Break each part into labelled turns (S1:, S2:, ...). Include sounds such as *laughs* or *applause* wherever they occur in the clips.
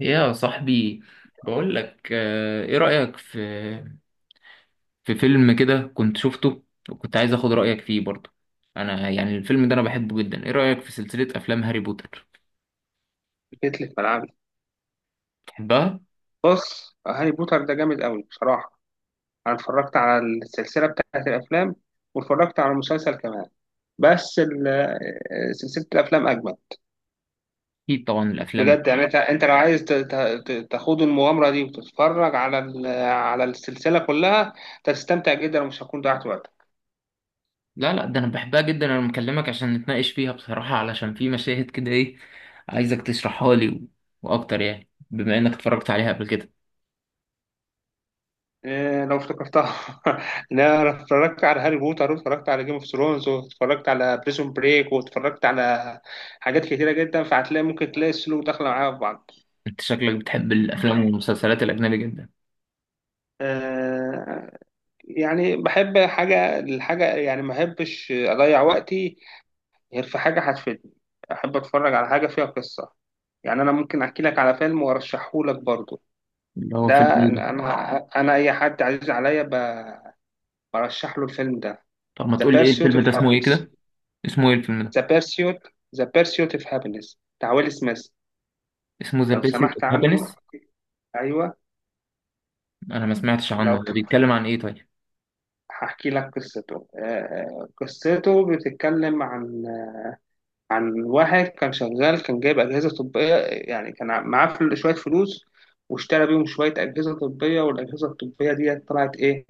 S1: يا صاحبي، بقول لك ايه رأيك في فيلم كده كنت شفته، وكنت عايز اخد رأيك فيه برضه. انا يعني الفيلم ده انا بحبه جدا. ايه رأيك في سلسلة افلام هاري بوتر؟
S2: جيت لي في ملعبي.
S1: بتحبها؟
S2: بص، هاري بوتر ده جامد قوي بصراحة. أنا اتفرجت على السلسلة بتاعت الأفلام واتفرجت على المسلسل كمان، بس سلسلة الأفلام أجمل
S1: اكيد طبعا الافلام.
S2: بجد. أنت لو عايز تخوض المغامرة دي وتتفرج على السلسلة كلها، تستمتع جدا ومش هتكون ضيعت وقت.
S1: لا لا، ده انا بحبها جدا، انا مكلمك عشان نتناقش فيها بصراحة، علشان في مشاهد كده ايه عايزك تشرحها لي واكتر، يعني بما انك اتفرجت عليها قبل كده.
S2: إيه، لو افتكرتها. *laughs* إن أنا اتفرجت على هاري بوتر واتفرجت على جيم اوف ثرونز واتفرجت على بريزون بريك واتفرجت على حاجات كتيرة جدا، فهتلاقي ممكن تلاقي السلوك داخلة معايا في بعض.
S1: انت شكلك بتحب الافلام والمسلسلات الاجنبي جدا.
S2: آه، يعني بحب حاجة الحاجة، يعني ما أحبش أضيع وقتي غير في حاجة هتفيدني. أحب أتفرج على حاجة فيها قصة. يعني أنا ممكن أحكي لك على فيلم وأرشحه لك برضه.
S1: اللي هو فيلم
S2: ده
S1: ايه ده؟
S2: أنا أي حد عزيز عليا برشح له الفيلم ده.
S1: طب ما
S2: The
S1: تقول لي ايه
S2: Pursuit
S1: الفيلم
S2: of
S1: ده، اسمه ايه
S2: Happiness.
S1: كده؟ اسمه ايه الفيلم ده؟
S2: The Pursuit The Pursuit of Happiness بتاع ويل سميث.
S1: اسمه ذا
S2: لو
S1: بيرسيوت
S2: سمحت
S1: اوف
S2: عنه.
S1: هابينس.
S2: أيوه.
S1: انا ما سمعتش
S2: لو
S1: عنه،
S2: بت-
S1: هو بيتكلم عن ايه طيب؟
S2: هحكي لك قصته. قصته بتتكلم عن واحد كان شغال، كان جايب أجهزة طبية. يعني كان معاه شوية فلوس، واشترى بيهم شوية أجهزة طبية، والأجهزة الطبية دي طلعت إيه،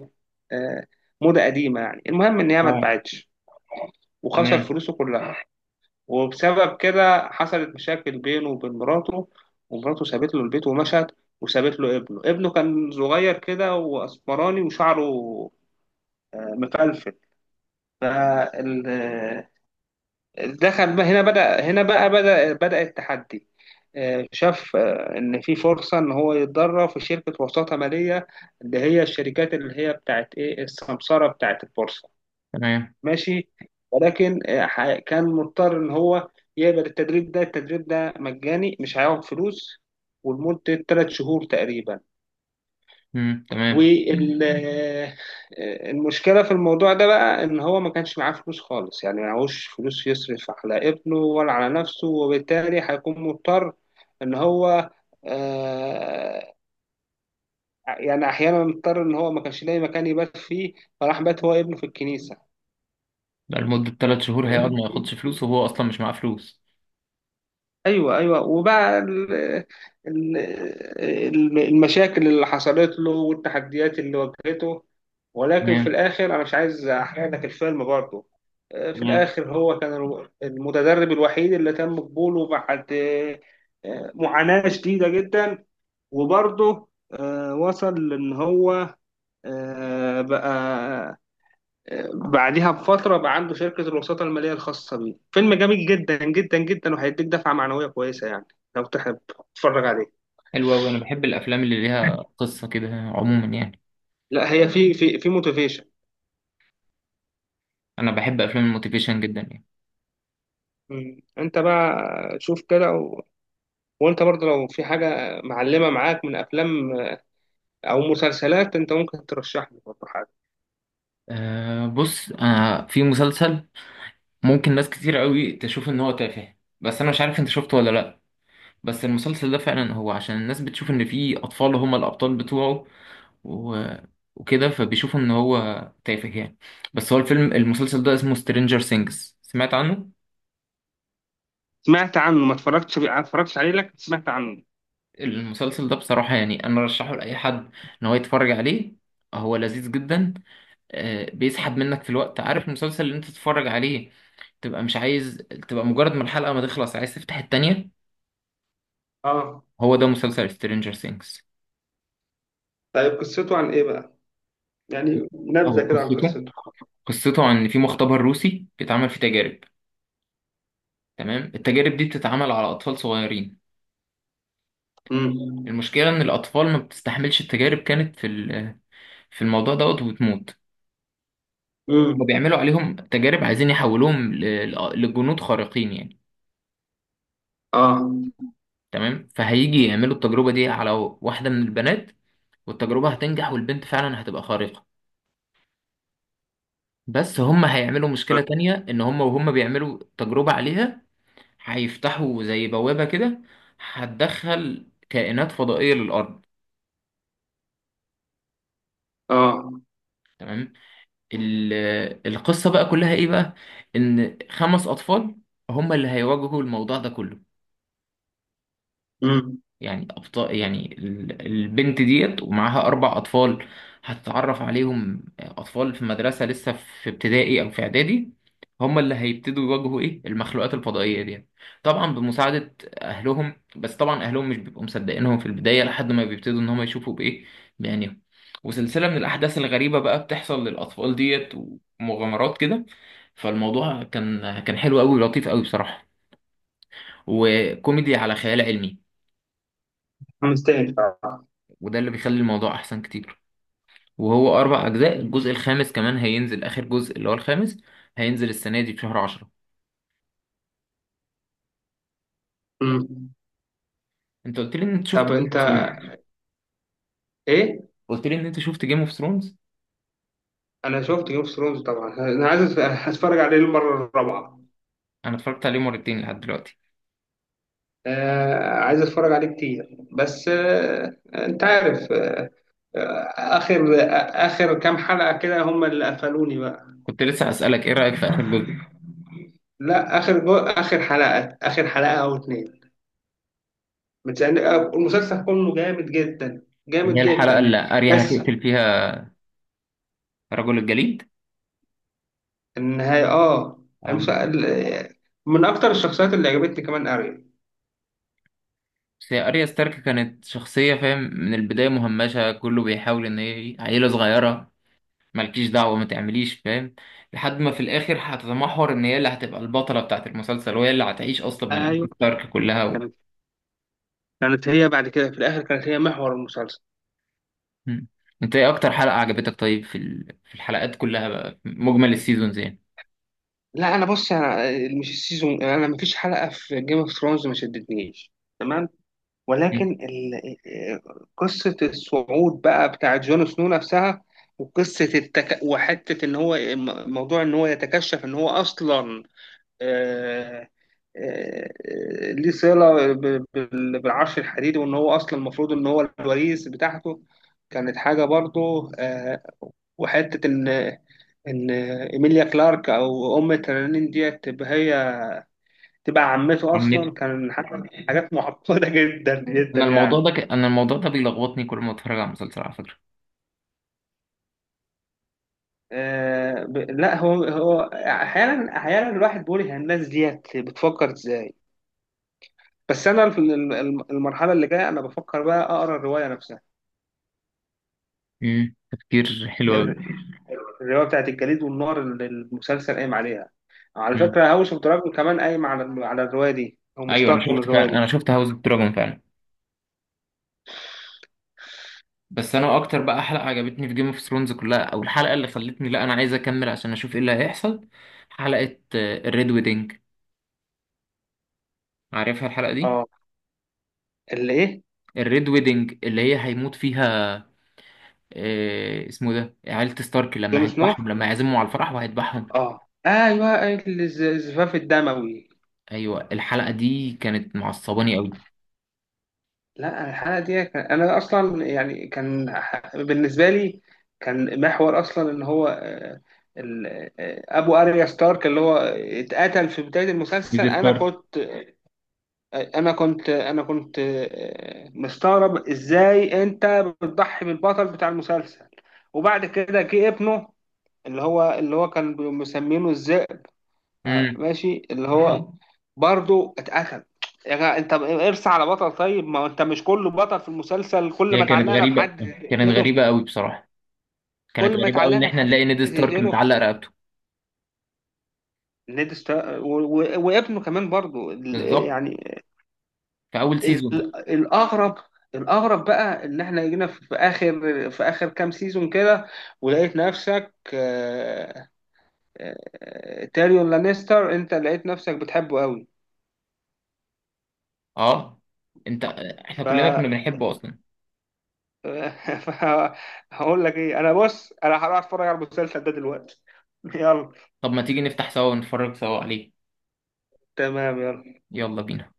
S2: آه موضة قديمة. يعني المهم إن هي ما
S1: اه.
S2: اتباعتش وخسر
S1: تمام.
S2: فلوسه كلها. وبسبب كده حصلت مشاكل بينه وبين مراته، ومراته سابت له البيت ومشت، وسابت له ابنه. ابنه كان صغير كده وأسمراني وشعره آه، مفلفل. دخل بقى هنا، بدأ هنا بقى، بدأ التحدي. شاف إن في فرصة إن هو يتدرب في شركة وساطة مالية، اللي هي الشركات اللي هي بتاعت إيه السمسرة بتاعت البورصة.
S1: تمام.
S2: ماشي. ولكن كان مضطر إن هو يقبل التدريب ده. التدريب ده مجاني، مش هياخد فلوس، ولمدة 3 شهور تقريبا.
S1: تمام.
S2: والمشكلة في الموضوع ده بقى إن هو ما كانش معاه فلوس خالص، يعني معهوش فلوس يصرف على ابنه ولا على نفسه، وبالتالي هيكون مضطر إن هو، آه، يعني أحيانا مضطر، إن هو ما كانش لاقي مكان يبات فيه، فراح بات هو ابنه في
S1: ده لمدة ثلاث شهور هيقعد ما ياخدش
S2: الكنيسة.
S1: فلوس وهو اصلا مش معاه فلوس؟
S2: ايوه، ايوه. وبقى ال- المشاكل اللي حصلت له والتحديات اللي واجهته. ولكن في
S1: تمام.
S2: الاخر انا مش عايز احرق لك الفيلم برضه. في
S1: تمام.
S2: الاخر هو كان المتدرب الوحيد اللي تم قبوله بعد معاناة شديدة جدا. وبرضه وصل لان هو، بقى بعديها بفترة بقى عنده شركة الوساطة المالية الخاصة بيه. فيلم جميل جدا جدا جدا وهيديك دفعة معنوية كويسة يعني، لو تحب تتفرج عليه.
S1: حلو أوي، أنا بحب الأفلام اللي ليها قصة كده عموما يعني.
S2: لا، هي في في موتيفيشن.
S1: أنا بحب أفلام الموتيفيشن جدا يعني.
S2: انت بقى شوف كده، وانت برضه لو في حاجة معلمة معاك من افلام او مسلسلات، انت ممكن ترشح لي برضه حاجة.
S1: أه بص، أنا في مسلسل ممكن ناس كتير قوي تشوف إن هو تافه، بس أنا مش عارف أنت شفته ولا لأ. بس المسلسل ده فعلا هو عشان الناس بتشوف إن في أطفال هم الأبطال بتوعه، و... وكده فبيشوفوا ان هو تافه يعني. بس هو الفيلم، المسلسل ده اسمه سترينجر سينجز، سمعت عنه؟
S2: سمعت عنه، ما اتفرجتش عليه لك، سمعت عنه.
S1: المسلسل ده بصراحة يعني انا رشحه لأي حد ان هو يتفرج عليه. هو لذيذ جدا. بيسحب منك في الوقت، عارف المسلسل اللي انت تتفرج عليه تبقى مش عايز، تبقى مجرد ما الحلقة ما تخلص عايز تفتح التانية.
S2: اه.
S1: هو ده مسلسل سترينجر سينجز.
S2: طيب قصته عن ايه بقى؟ يعني
S1: هو
S2: نبذة كده عن
S1: قصته،
S2: قصته.
S1: قصته عن إن في مختبر روسي بيتعمل فيه تجارب. تمام. التجارب دي بتتعمل على أطفال صغيرين.
S2: امم،
S1: المشكلة إن الأطفال ما بتستحملش التجارب، كانت في في الموضوع دوت وبتموت. هما
S2: امم،
S1: بيعملوا عليهم تجارب، عايزين يحولوهم لجنود خارقين يعني.
S2: اه،
S1: تمام. فهيجي يعملوا التجربة دي على واحدة من البنات، والتجربة هتنجح والبنت فعلا هتبقى خارقة. بس هما هيعملوا مشكلة تانية، إن هما وهما بيعملوا تجربة عليها هيفتحوا زي بوابة كده، هتدخل كائنات فضائية للأرض.
S2: اه،
S1: تمام. ال- القصة بقى كلها ايه بقى؟ ان خمس اطفال هم اللي هيواجهوا الموضوع ده كله.
S2: امم.
S1: يعني أبطال، يعني البنت ديت ومعاها أربع أطفال، هتتعرف عليهم أطفال في مدرسة لسه في ابتدائي أو في إعدادي، هم اللي هيبتدوا يواجهوا المخلوقات الفضائية دي. طبعا بمساعدة أهلهم، بس طبعا أهلهم مش بيبقوا مصدقينهم في البداية لحد ما بيبتدوا إن هم يشوفوا بإيه، بعينيهم. وسلسلة من الأحداث الغريبة بقى بتحصل للأطفال ديت ومغامرات كده. فالموضوع كان حلو أوي ولطيف أوي بصراحة، وكوميدي على خيال علمي.
S2: مستاهل.
S1: وده اللي بيخلي الموضوع احسن كتير. وهو اربع اجزاء، الجزء الخامس كمان هينزل، اخر جزء اللي هو الخامس هينزل السنه دي في شهر 10.
S2: مم.
S1: انت قلت لي ان انت شفت
S2: طب
S1: جيم
S2: انت
S1: اوف ثرونز،
S2: ايه؟
S1: قلت لي ان انت شفت جيم اوف ثرونز.
S2: انا شفت جيم اوف ثرونز طبعا. انا عايز اتفرج عليه المره الرابعه.
S1: انا اتفرجت عليه مرتين لحد دلوقتي.
S2: آه، عايز اتفرج عليه كتير، بس انت عارف، آه، اخر اخر كام حلقه كده هم اللي قفلوني بقى.
S1: كنت لسه اسالك ايه رايك في اخر جزء.
S2: لا، اخر حلقه او اتنين. المسلسل كله جامد جدا،
S1: اللي
S2: جامد
S1: هي الحلقه
S2: جدا.
S1: اللي اريا
S2: بس
S1: هتقتل فيها رجل الجليد.
S2: النهايه،
S1: اه.
S2: المسلسل من اكتر الشخصيات اللي عجبتني كمان.
S1: بس هي اريا ستارك كانت شخصيه، فاهم، من البدايه مهمشه كله بيحاول ان هي عيله صغيره، مالكيش دعوة ما تعمليش، فاهم. لحد ما في الآخر هتتمحور إن هي اللي هتبقى البطلة بتاعة المسلسل، وهي اللي هتعيش أصلا من
S2: اريا
S1: أجل ستارك كلها
S2: كانت كانت هي بعد كده في الاخر، كانت هي محور المسلسل.
S1: مم. أنت إيه أكتر حلقة عجبتك طيب في في الحلقات كلها بقى، مجمل السيزونز يعني.
S2: لا انا بص، انا مش السيزون، انا مفيش حلقه في جيم اوف ثرونز ما شدتنيش، تمام.
S1: مم.
S2: ولكن قصه الصعود بقى بتاع جون سنو نفسها، وقصه وحته ان هو، موضوع ان هو يتكشف ان هو اصلا، آه، آه، ليه صله بالعرش الحديدي، وان هو اصلا المفروض ان هو الوريث بتاعته، كانت حاجه برضه. وحته ان ايميليا كلارك او ام ترانين ديت تبقى هي، تبقى عمته
S1: عمته.
S2: اصلا، كان حاجه. حاجات معقده *laughs* جدا جدا
S1: أنا الموضوع
S2: يعني.
S1: ده أنا الموضوع ده بيلخبطني كل ما أتفرج على مسلسل، على فكرة.
S2: لا، هو احيانا احيانا الواحد بيقول هي الناس ديت بتفكر ازاي. بس انا في المرحله اللي جايه انا بفكر بقى اقرا الروايه نفسها.
S1: مم. تفكير حلو أوي.
S2: ال- الروايه بتاعت الجليد والنار اللي المسلسل قايم عليها. على
S1: مم.
S2: فكره هاوس اوف دراجون كمان قايم على الروايه دي، او
S1: أيوه أنا
S2: مشتق من
S1: شفت
S2: الروايه دي.
S1: فعلا، أنا شفت هاوس اوف دراجون فعلا. بس انا اكتر بقى حلقه عجبتني في جيم اوف ثرونز كلها، او الحلقه اللي خلتني لا انا عايز اكمل عشان اشوف ايه اللي هيحصل، حلقه الريد ويدنج. عارفها الحلقه دي؟
S2: اه. اللي ايه؟
S1: الريد ويدنج اللي هي هيموت فيها، اسمه ده عيلة ستارك، لما
S2: جون سنو.
S1: هيذبحهم لما هيعزمهم على الفرح وهيذبحهم.
S2: اه، ايوه. الزفاف الدموي.
S1: ايوه الحلقه دي كانت معصباني قوي.
S2: لا الحلقه دي كان، انا اصلا يعني كان بالنسبه لي كان محور اصلا ان هو، ال- ابو اريا ستارك اللي هو اتقتل في بدايه المسلسل.
S1: دي
S2: انا
S1: ستارك.
S2: كنت، انا كنت مستغرب ازاي انت بتضحي بالبطل بتاع المسلسل. وبعد كده جه ابنه اللي هو كان مسمينه ازاي.
S1: امم.
S2: ماشي، اللي هو برضو اتقتل. يا جماعة، انت ارسى على بطل، طيب، ما هو انت مش كله بطل في المسلسل. كل ما
S1: هي كانت
S2: اتعلقنا
S1: غريبه،
S2: بحد،
S1: كانت
S2: تقتله.
S1: غريبه قوي بصراحه، كانت
S2: كل ما
S1: غريبه قوي ان
S2: اتعلقنا
S1: احنا
S2: بحد،
S1: نلاقي نيد ستارك
S2: تقتله.
S1: متعلق رقبته.
S2: نيد ستا... و... و... وابنه كمان برضو.
S1: بالظبط.
S2: يعني
S1: في اول
S2: ال...
S1: سيزون.
S2: الاغرب الاغرب بقى ان احنا جينا في اخر كام سيزون كده، ولقيت نفسك آه، تيريون لانيستر، انت لقيت نفسك بتحبه قوي.
S1: اه. انت، احنا كلنا كنا بنحبه اصلا.
S2: *laughs* هقول لك ايه، انا بص، انا هروح اتفرج على المسلسل ده دلوقتي. *laughs* يلا.
S1: طب ما تيجي نفتح سوا ونتفرج سوا عليه.
S2: تمام، يلا.
S1: يلا بينا.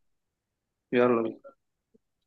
S2: يلا بينا.